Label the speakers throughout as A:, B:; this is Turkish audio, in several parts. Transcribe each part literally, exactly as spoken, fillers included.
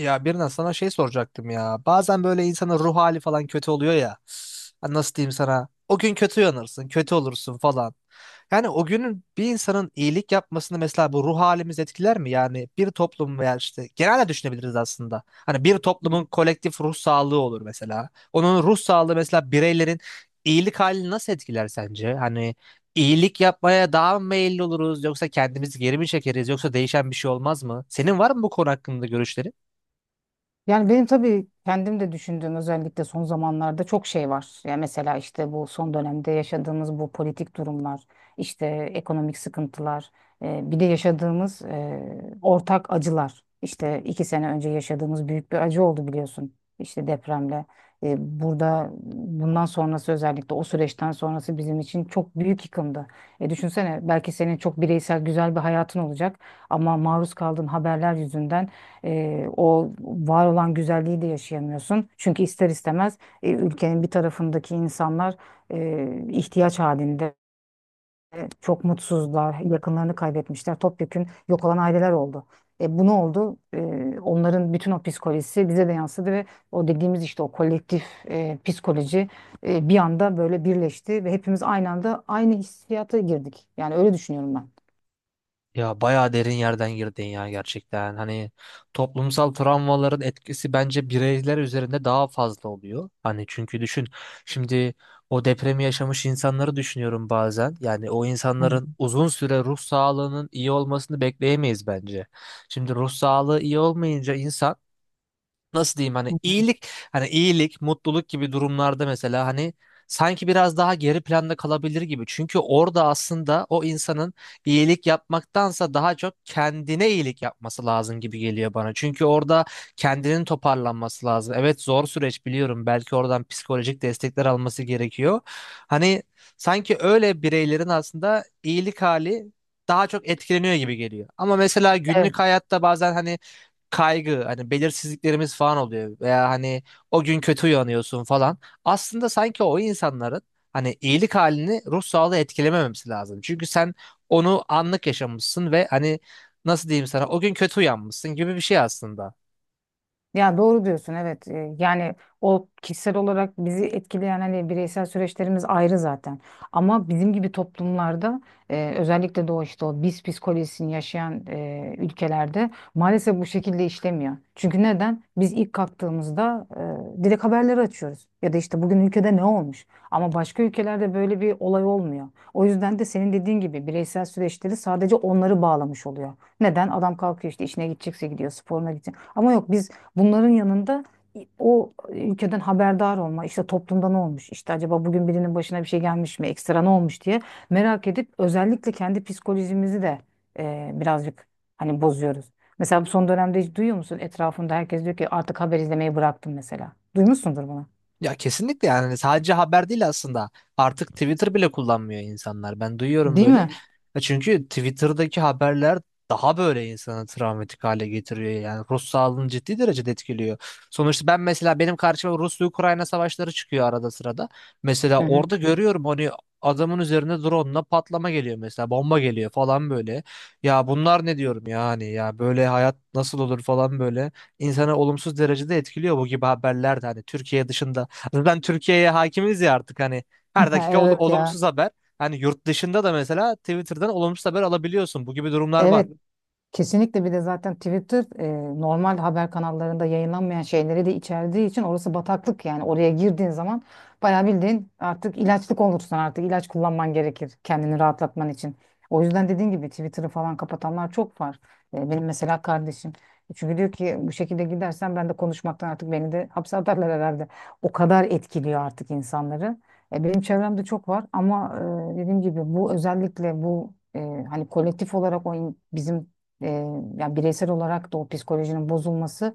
A: Ya birine sana şey soracaktım ya. Bazen böyle insanın ruh hali falan kötü oluyor ya. Ha, nasıl diyeyim sana? O gün kötü yanırsın, kötü olursun falan. Yani o günün bir insanın iyilik yapmasını mesela bu ruh halimiz etkiler mi? Yani bir toplum veya işte genelde düşünebiliriz aslında. Hani bir toplumun kolektif ruh sağlığı olur mesela. Onun ruh sağlığı mesela bireylerin iyilik halini nasıl etkiler sence? Hani iyilik yapmaya daha mı meyilli oluruz yoksa kendimizi geri mi çekeriz yoksa değişen bir şey olmaz mı? Senin var mı bu konu hakkında görüşlerin?
B: Yani benim tabii kendim de düşündüğüm özellikle son zamanlarda çok şey var. Yani mesela işte bu son dönemde yaşadığımız bu politik durumlar, işte ekonomik sıkıntılar, e, bir de yaşadığımız e, ortak acılar. İşte iki sene önce yaşadığımız büyük bir acı oldu biliyorsun. İşte depremle. E, burada bundan sonrası özellikle o süreçten sonrası bizim için çok büyük yıkımdı. E, düşünsene, belki senin çok bireysel güzel bir hayatın olacak ama maruz kaldığın haberler yüzünden e, o var olan güzelliği de yaşayamıyorsun. Çünkü ister istemez e, ülkenin bir tarafındaki insanlar e, ihtiyaç halinde çok mutsuzlar, yakınlarını kaybetmişler, topyekün yok olan aileler oldu. E, bu ne oldu? E, Onların bütün o psikolojisi bize de yansıdı ve o dediğimiz işte o kolektif e, psikoloji e, bir anda böyle birleşti ve hepimiz aynı anda aynı hissiyata girdik. Yani öyle düşünüyorum ben.
A: Ya bayağı derin yerden girdin ya gerçekten. Hani toplumsal travmaların etkisi bence bireyler üzerinde daha fazla oluyor. Hani çünkü düşün şimdi o depremi yaşamış insanları düşünüyorum bazen. Yani o
B: Evet.
A: insanların uzun süre ruh sağlığının iyi olmasını bekleyemeyiz bence. Şimdi ruh sağlığı iyi olmayınca insan nasıl diyeyim hani iyilik hani iyilik, mutluluk gibi durumlarda mesela hani sanki biraz daha geri planda kalabilir gibi. Çünkü orada aslında o insanın iyilik yapmaktansa daha çok kendine iyilik yapması lazım gibi geliyor bana. Çünkü orada kendinin toparlanması lazım. Evet, zor süreç biliyorum. Belki oradan psikolojik destekler alması gerekiyor. Hani sanki öyle bireylerin aslında iyilik hali daha çok etkileniyor gibi geliyor. Ama mesela
B: Evet.
A: günlük hayatta bazen hani kaygı hani belirsizliklerimiz falan oluyor veya hani o gün kötü uyanıyorsun falan. Aslında sanki o insanların hani iyilik halini ruh sağlığı etkilememesi lazım. Çünkü sen onu anlık yaşamışsın ve hani nasıl diyeyim sana, o gün kötü uyanmışsın gibi bir şey aslında.
B: Ya doğru diyorsun, evet. Ee, yani o kişisel olarak bizi etkileyen, hani bireysel süreçlerimiz ayrı zaten, ama bizim gibi toplumlarda e, özellikle de o işte o biz psikolojisini yaşayan e, ülkelerde maalesef bu şekilde işlemiyor. Çünkü neden? Biz ilk kalktığımızda e, direkt haberleri açıyoruz ya da işte bugün ülkede ne olmuş, ama başka ülkelerde böyle bir olay olmuyor. O yüzden de senin dediğin gibi bireysel süreçleri sadece onları bağlamış oluyor. Neden? Adam kalkıyor, işte işine gidecekse gidiyor, sporuna gidecek, ama yok biz, bunların yanında o ülkeden haberdar olma, işte toplumda ne olmuş, işte acaba bugün birinin başına bir şey gelmiş mi, ekstra ne olmuş diye merak edip özellikle kendi psikolojimizi de e, birazcık hani bozuyoruz. Mesela bu son dönemde hiç duyuyor musun? Etrafında herkes diyor ki artık haber izlemeyi bıraktım mesela. Duymuşsundur bunu.
A: Ya kesinlikle, yani hani sadece haber değil aslında. Artık Twitter bile kullanmıyor insanlar. Ben duyuyorum
B: Değil
A: böyle.
B: mi?
A: Ya çünkü Twitter'daki haberler daha böyle insanı travmatik hale getiriyor. Yani ruh sağlığını ciddi derecede etkiliyor. Sonuçta ben mesela benim karşıma Rusya-Ukrayna savaşları çıkıyor arada sırada. Mesela
B: Hı hı.
A: orada görüyorum hani adamın üzerine drone'la patlama geliyor mesela, bomba geliyor falan böyle. Ya bunlar ne diyorum yani, ya böyle hayat nasıl olur falan böyle. İnsanı olumsuz derecede etkiliyor bu gibi haberler de, hani Türkiye dışında. Zaten Türkiye'ye hakimiz ya artık hani her dakika ol-
B: Evet ya.
A: olumsuz haber. Hani yurt dışında da mesela Twitter'dan olumsuz haber alabiliyorsun. Bu gibi durumlar var.
B: Evet. Kesinlikle. Bir de zaten Twitter e, normal haber kanallarında yayınlanmayan şeyleri de içerdiği için orası bataklık. Yani oraya girdiğin zaman bayağı bildiğin artık ilaçlık olursun, artık ilaç kullanman gerekir kendini rahatlatman için. O yüzden dediğin gibi Twitter'ı falan kapatanlar çok var. E, benim mesela kardeşim. E, Çünkü diyor ki bu şekilde gidersen ben de konuşmaktan artık beni de hapse atarlar herhalde. O kadar etkiliyor artık insanları. E, benim çevremde çok var, ama e, dediğim gibi bu özellikle bu e, hani kolektif olarak o in- bizim e, yani bireysel olarak da o psikolojinin bozulması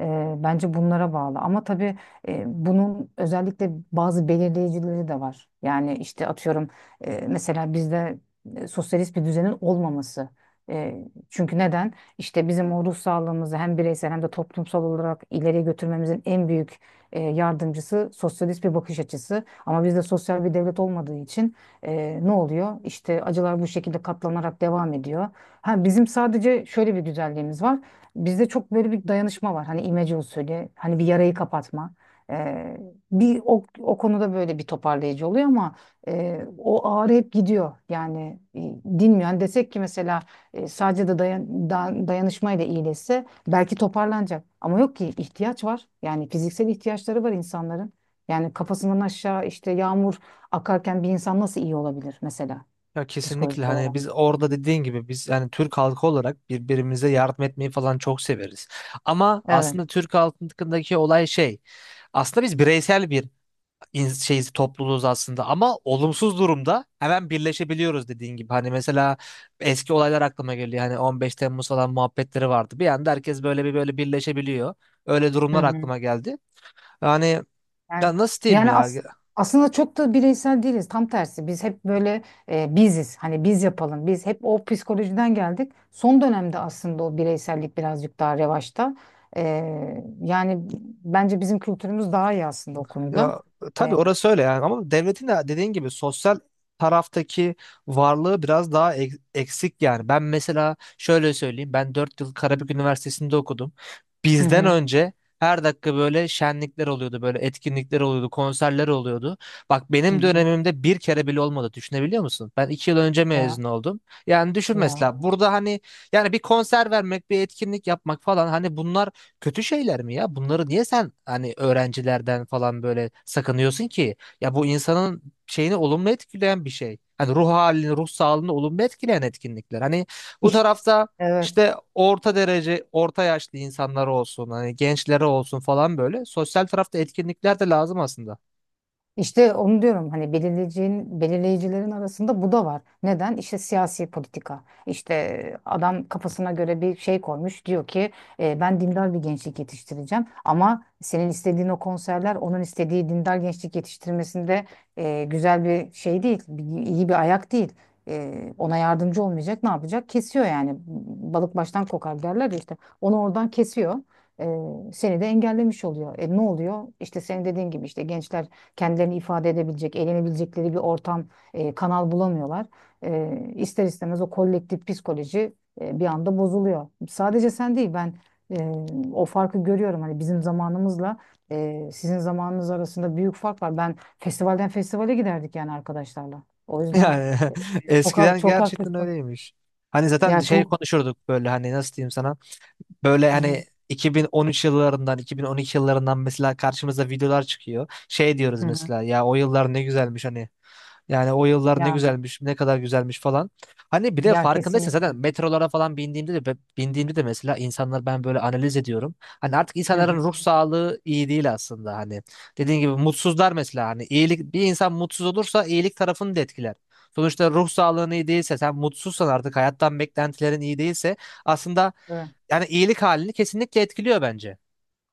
B: e, bence bunlara bağlı. Ama tabii e, bunun özellikle bazı belirleyicileri de var. Yani işte atıyorum e, mesela bizde e, sosyalist bir düzenin olmaması. E, Çünkü neden? İşte bizim o ruh sağlığımızı hem bireysel hem de toplumsal olarak ileriye götürmemizin en büyük e, yardımcısı sosyalist bir bakış açısı. Ama bizde sosyal bir devlet olmadığı için ee, ne oluyor? İşte acılar bu şekilde katlanarak devam ediyor. Ha, bizim sadece şöyle bir güzelliğimiz var. Bizde çok böyle bir dayanışma var. Hani imece usulü, hani bir yarayı kapatma. Ee, Bir o, o konuda böyle bir toparlayıcı oluyor ama e, o ağrı hep gidiyor. Yani e, dinmiyor. Hani desek ki mesela e, sadece de dayan, da- dayanışmayla iyileşse belki toparlanacak. Ama yok ki, ihtiyaç var. Yani fiziksel ihtiyaçları var insanların. Yani kafasından aşağı işte yağmur akarken bir insan nasıl iyi olabilir mesela
A: Ya kesinlikle,
B: psikolojik
A: hani
B: olarak?
A: biz orada dediğin gibi, biz yani Türk halkı olarak birbirimize yardım etmeyi falan çok severiz. Ama
B: Evet.
A: aslında Türk halkındaki olay şey, aslında biz bireysel bir in- şey topluluğuz aslında, ama olumsuz durumda hemen birleşebiliyoruz dediğin gibi. Hani mesela eski olaylar aklıma geliyor. Hani on beş Temmuz falan muhabbetleri vardı. Bir anda herkes böyle bir böyle birleşebiliyor. Öyle
B: Hı
A: durumlar
B: hı.
A: aklıma geldi. Yani,
B: Yani,
A: ya nasıl diyeyim
B: yani
A: ya?
B: as- Aslında çok da bireysel değiliz. Tam tersi. Biz hep böyle e, biziz. Hani biz yapalım. Biz hep o psikolojiden geldik. Son dönemde aslında o bireysellik birazcık daha revaçta. E, Yani bence bizim kültürümüz daha iyi aslında o konuda.
A: Ya
B: E,
A: tabii, orası öyle yani, ama devletin de dediğin gibi sosyal taraftaki varlığı biraz daha ek- eksik yani. Ben mesela şöyle söyleyeyim. Ben dört yıl Karabük Üniversitesi'nde okudum.
B: hı
A: Bizden
B: hı.
A: önce her dakika böyle şenlikler oluyordu, böyle etkinlikler oluyordu, konserler oluyordu. Bak
B: Hı
A: benim
B: hı.
A: dönemimde bir kere bile olmadı. Düşünebiliyor musun? Ben iki yıl önce
B: Ya
A: mezun oldum. Yani düşün
B: ya.
A: mesela, burada hani yani bir konser vermek, bir etkinlik yapmak falan, hani bunlar kötü şeyler mi ya? Bunları niye sen hani öğrencilerden falan böyle sakınıyorsun ki? Ya bu insanın şeyini olumlu etkileyen bir şey. Hani ruh halini, ruh sağlığını olumlu etkileyen etkinlikler. Hani bu
B: İşte.
A: tarafta
B: Evet.
A: işte orta derece, orta yaşlı insanlar olsun, hani gençlere olsun falan böyle. Sosyal tarafta etkinlikler de lazım aslında.
B: İşte onu diyorum, hani belirleyicinin, belirleyicilerin arasında bu da var. Neden? İşte siyasi politika. İşte adam kafasına göre bir şey koymuş. Diyor ki "E, Ben dindar bir gençlik yetiştireceğim." Ama senin istediğin o konserler onun istediği dindar gençlik yetiştirmesinde e, güzel bir şey değil. bir- iyi bir ayak değil. E, ona yardımcı olmayacak, ne yapacak? Kesiyor yani. Balık baştan kokar derler ya işte. Onu oradan kesiyor, e, seni de engellemiş oluyor. E, ne oluyor? İşte senin dediğin gibi işte gençler kendilerini ifade edebilecek, eğlenebilecekleri bir ortam, e, kanal bulamıyorlar. E, ister istemez o kolektif psikoloji e, bir anda bozuluyor. Sadece sen değil, ben e, o farkı görüyorum. Hani bizim zamanımızla e, sizin zamanınız arasında büyük fark var. Ben festivalden festivale giderdik yani arkadaşlarla. O yüzden
A: Yani
B: e, çok ha-
A: eskiden
B: çok
A: gerçekten
B: haklısın.
A: öyleymiş. Hani zaten
B: Ya
A: şey
B: çok.
A: konuşurduk böyle, hani nasıl diyeyim sana? Böyle
B: Hı
A: hani
B: hı.
A: iki bin on üç yıllarından, iki bin on iki yıllarından mesela karşımıza videolar çıkıyor. Şey diyoruz
B: Hı hı.
A: mesela, ya o yıllar ne güzelmiş hani. Yani o yıllar ne
B: Yani
A: güzelmiş, ne kadar güzelmiş falan. Hani bir de
B: ya
A: farkındaysan zaten
B: kesinlikle.
A: metrolara falan bindiğimde de bindiğimde de mesela insanlar, ben böyle analiz ediyorum. Hani artık
B: Hı
A: insanların
B: hı.
A: ruh sağlığı iyi değil aslında hani. Dediğin gibi mutsuzlar mesela, hani iyilik, bir insan mutsuz olursa iyilik tarafını da etkiler. Sonuçta ruh sağlığın iyi değilse, sen mutsuzsan, artık hayattan beklentilerin iyi değilse, aslında
B: Evet.
A: yani iyilik halini kesinlikle etkiliyor bence.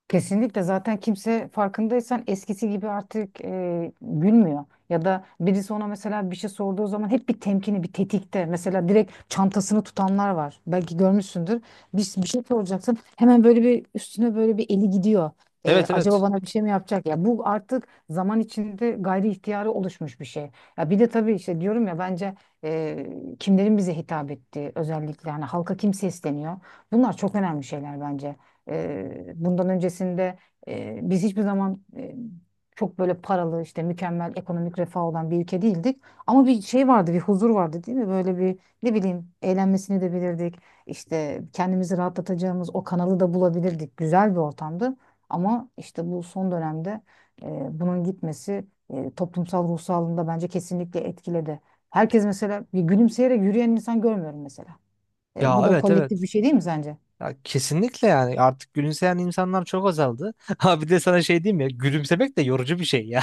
B: Kesinlikle. Zaten kimse farkındaysan eskisi gibi artık e, gülmüyor. Ya da birisi ona mesela bir şey sorduğu zaman hep bir temkini, bir tetikte. Mesela direkt çantasını tutanlar var. Belki görmüşsündür. Bir, bir şey soracaksın. Hemen böyle bir üstüne böyle bir eli gidiyor. E,
A: Evet,
B: acaba
A: evet.
B: bana bir şey mi yapacak? Ya bu artık zaman içinde gayri ihtiyari oluşmuş bir şey. Ya bir de tabii işte diyorum ya, bence e, kimlerin bize hitap ettiği, özellikle hani halka kim sesleniyor. Bunlar çok önemli şeyler bence. Eee, bundan öncesinde eee, biz hiçbir zaman eee, çok böyle paralı, işte mükemmel ekonomik refah olan bir ülke değildik. Ama bir şey vardı, bir huzur vardı değil mi? Böyle bir, ne bileyim, eğlenmesini de bilirdik. İşte kendimizi rahatlatacağımız o kanalı da bulabilirdik. Güzel bir ortamdı. Ama işte bu son dönemde eee, bunun gitmesi eee, toplumsal ruh sağlığını da bence kesinlikle etkiledi. Herkes mesela, bir gülümseyerek yürüyen insan görmüyorum mesela. Eee, bu
A: Ya
B: da
A: evet,
B: kolektif
A: evet.
B: bir şey değil mi sence?
A: Ya kesinlikle, yani artık gülümseyen insanlar çok azaldı. Ha bir de sana şey diyeyim ya, gülümsemek de yorucu bir şey ya.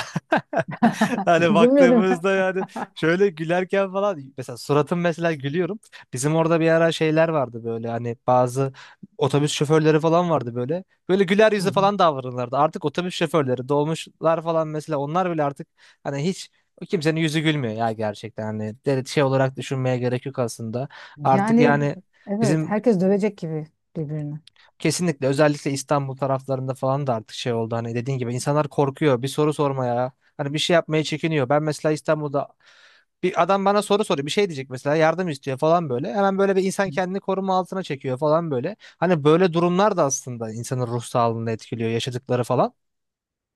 A: Hani
B: Bilmiyorum.
A: baktığımızda yani şöyle gülerken falan, mesela suratım mesela gülüyorum. Bizim orada bir ara şeyler vardı böyle, hani bazı otobüs şoförleri falan vardı böyle. Böyle güler
B: Hı
A: yüzü
B: hı.
A: falan davranırlardı. Artık otobüs şoförleri, dolmuşlar falan, mesela onlar bile artık hani hiç kimsenin yüzü gülmüyor ya gerçekten, hani de- şey olarak düşünmeye gerek yok aslında. Artık
B: Yani
A: yani
B: evet,
A: bizim.
B: herkes dövecek gibi birbirini.
A: Kesinlikle, özellikle İstanbul taraflarında falan da artık şey oldu, hani dediğin gibi insanlar korkuyor bir soru sormaya, hani bir şey yapmaya çekiniyor. Ben mesela İstanbul'da bir adam bana soru soruyor, bir şey diyecek mesela, yardım istiyor falan böyle, hemen böyle bir insan kendini koruma altına çekiyor falan böyle. Hani böyle durumlar da aslında insanın ruh sağlığını etkiliyor, yaşadıkları falan.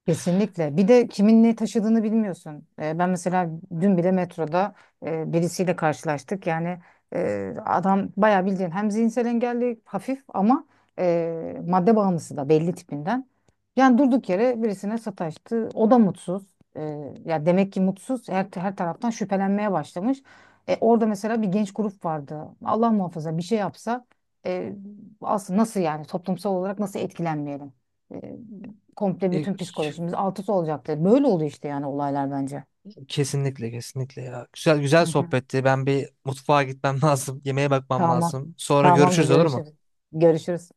B: Kesinlikle. Bir de kimin ne taşıdığını bilmiyorsun. Ee, ben mesela dün bile metroda e, birisiyle karşılaştık. Yani e, adam bayağı bildiğin hem zihinsel engelli hafif, ama e, madde bağımlısı da belli tipinden. Yani durduk yere birisine sataştı. O da mutsuz. E, Ya demek ki mutsuz. Her, her taraftan şüphelenmeye başlamış. E, orada mesela bir genç grup vardı. Allah muhafaza bir şey yapsa e, aslında nasıl, yani toplumsal olarak nasıl etkilenmeyelim? Komple
A: E,
B: bütün
A: k-
B: psikolojimiz alt üst olacaktı. Böyle oldu işte yani olaylar bence.
A: Kesinlikle, kesinlikle ya, güzel
B: Hı
A: güzel
B: hı.
A: sohbetti, ben bir mutfağa gitmem lazım, yemeğe bakmam
B: Tamam.
A: lazım, sonra
B: Tamamdır,
A: görüşürüz olur mu?
B: görüşürüz. Görüşürüz.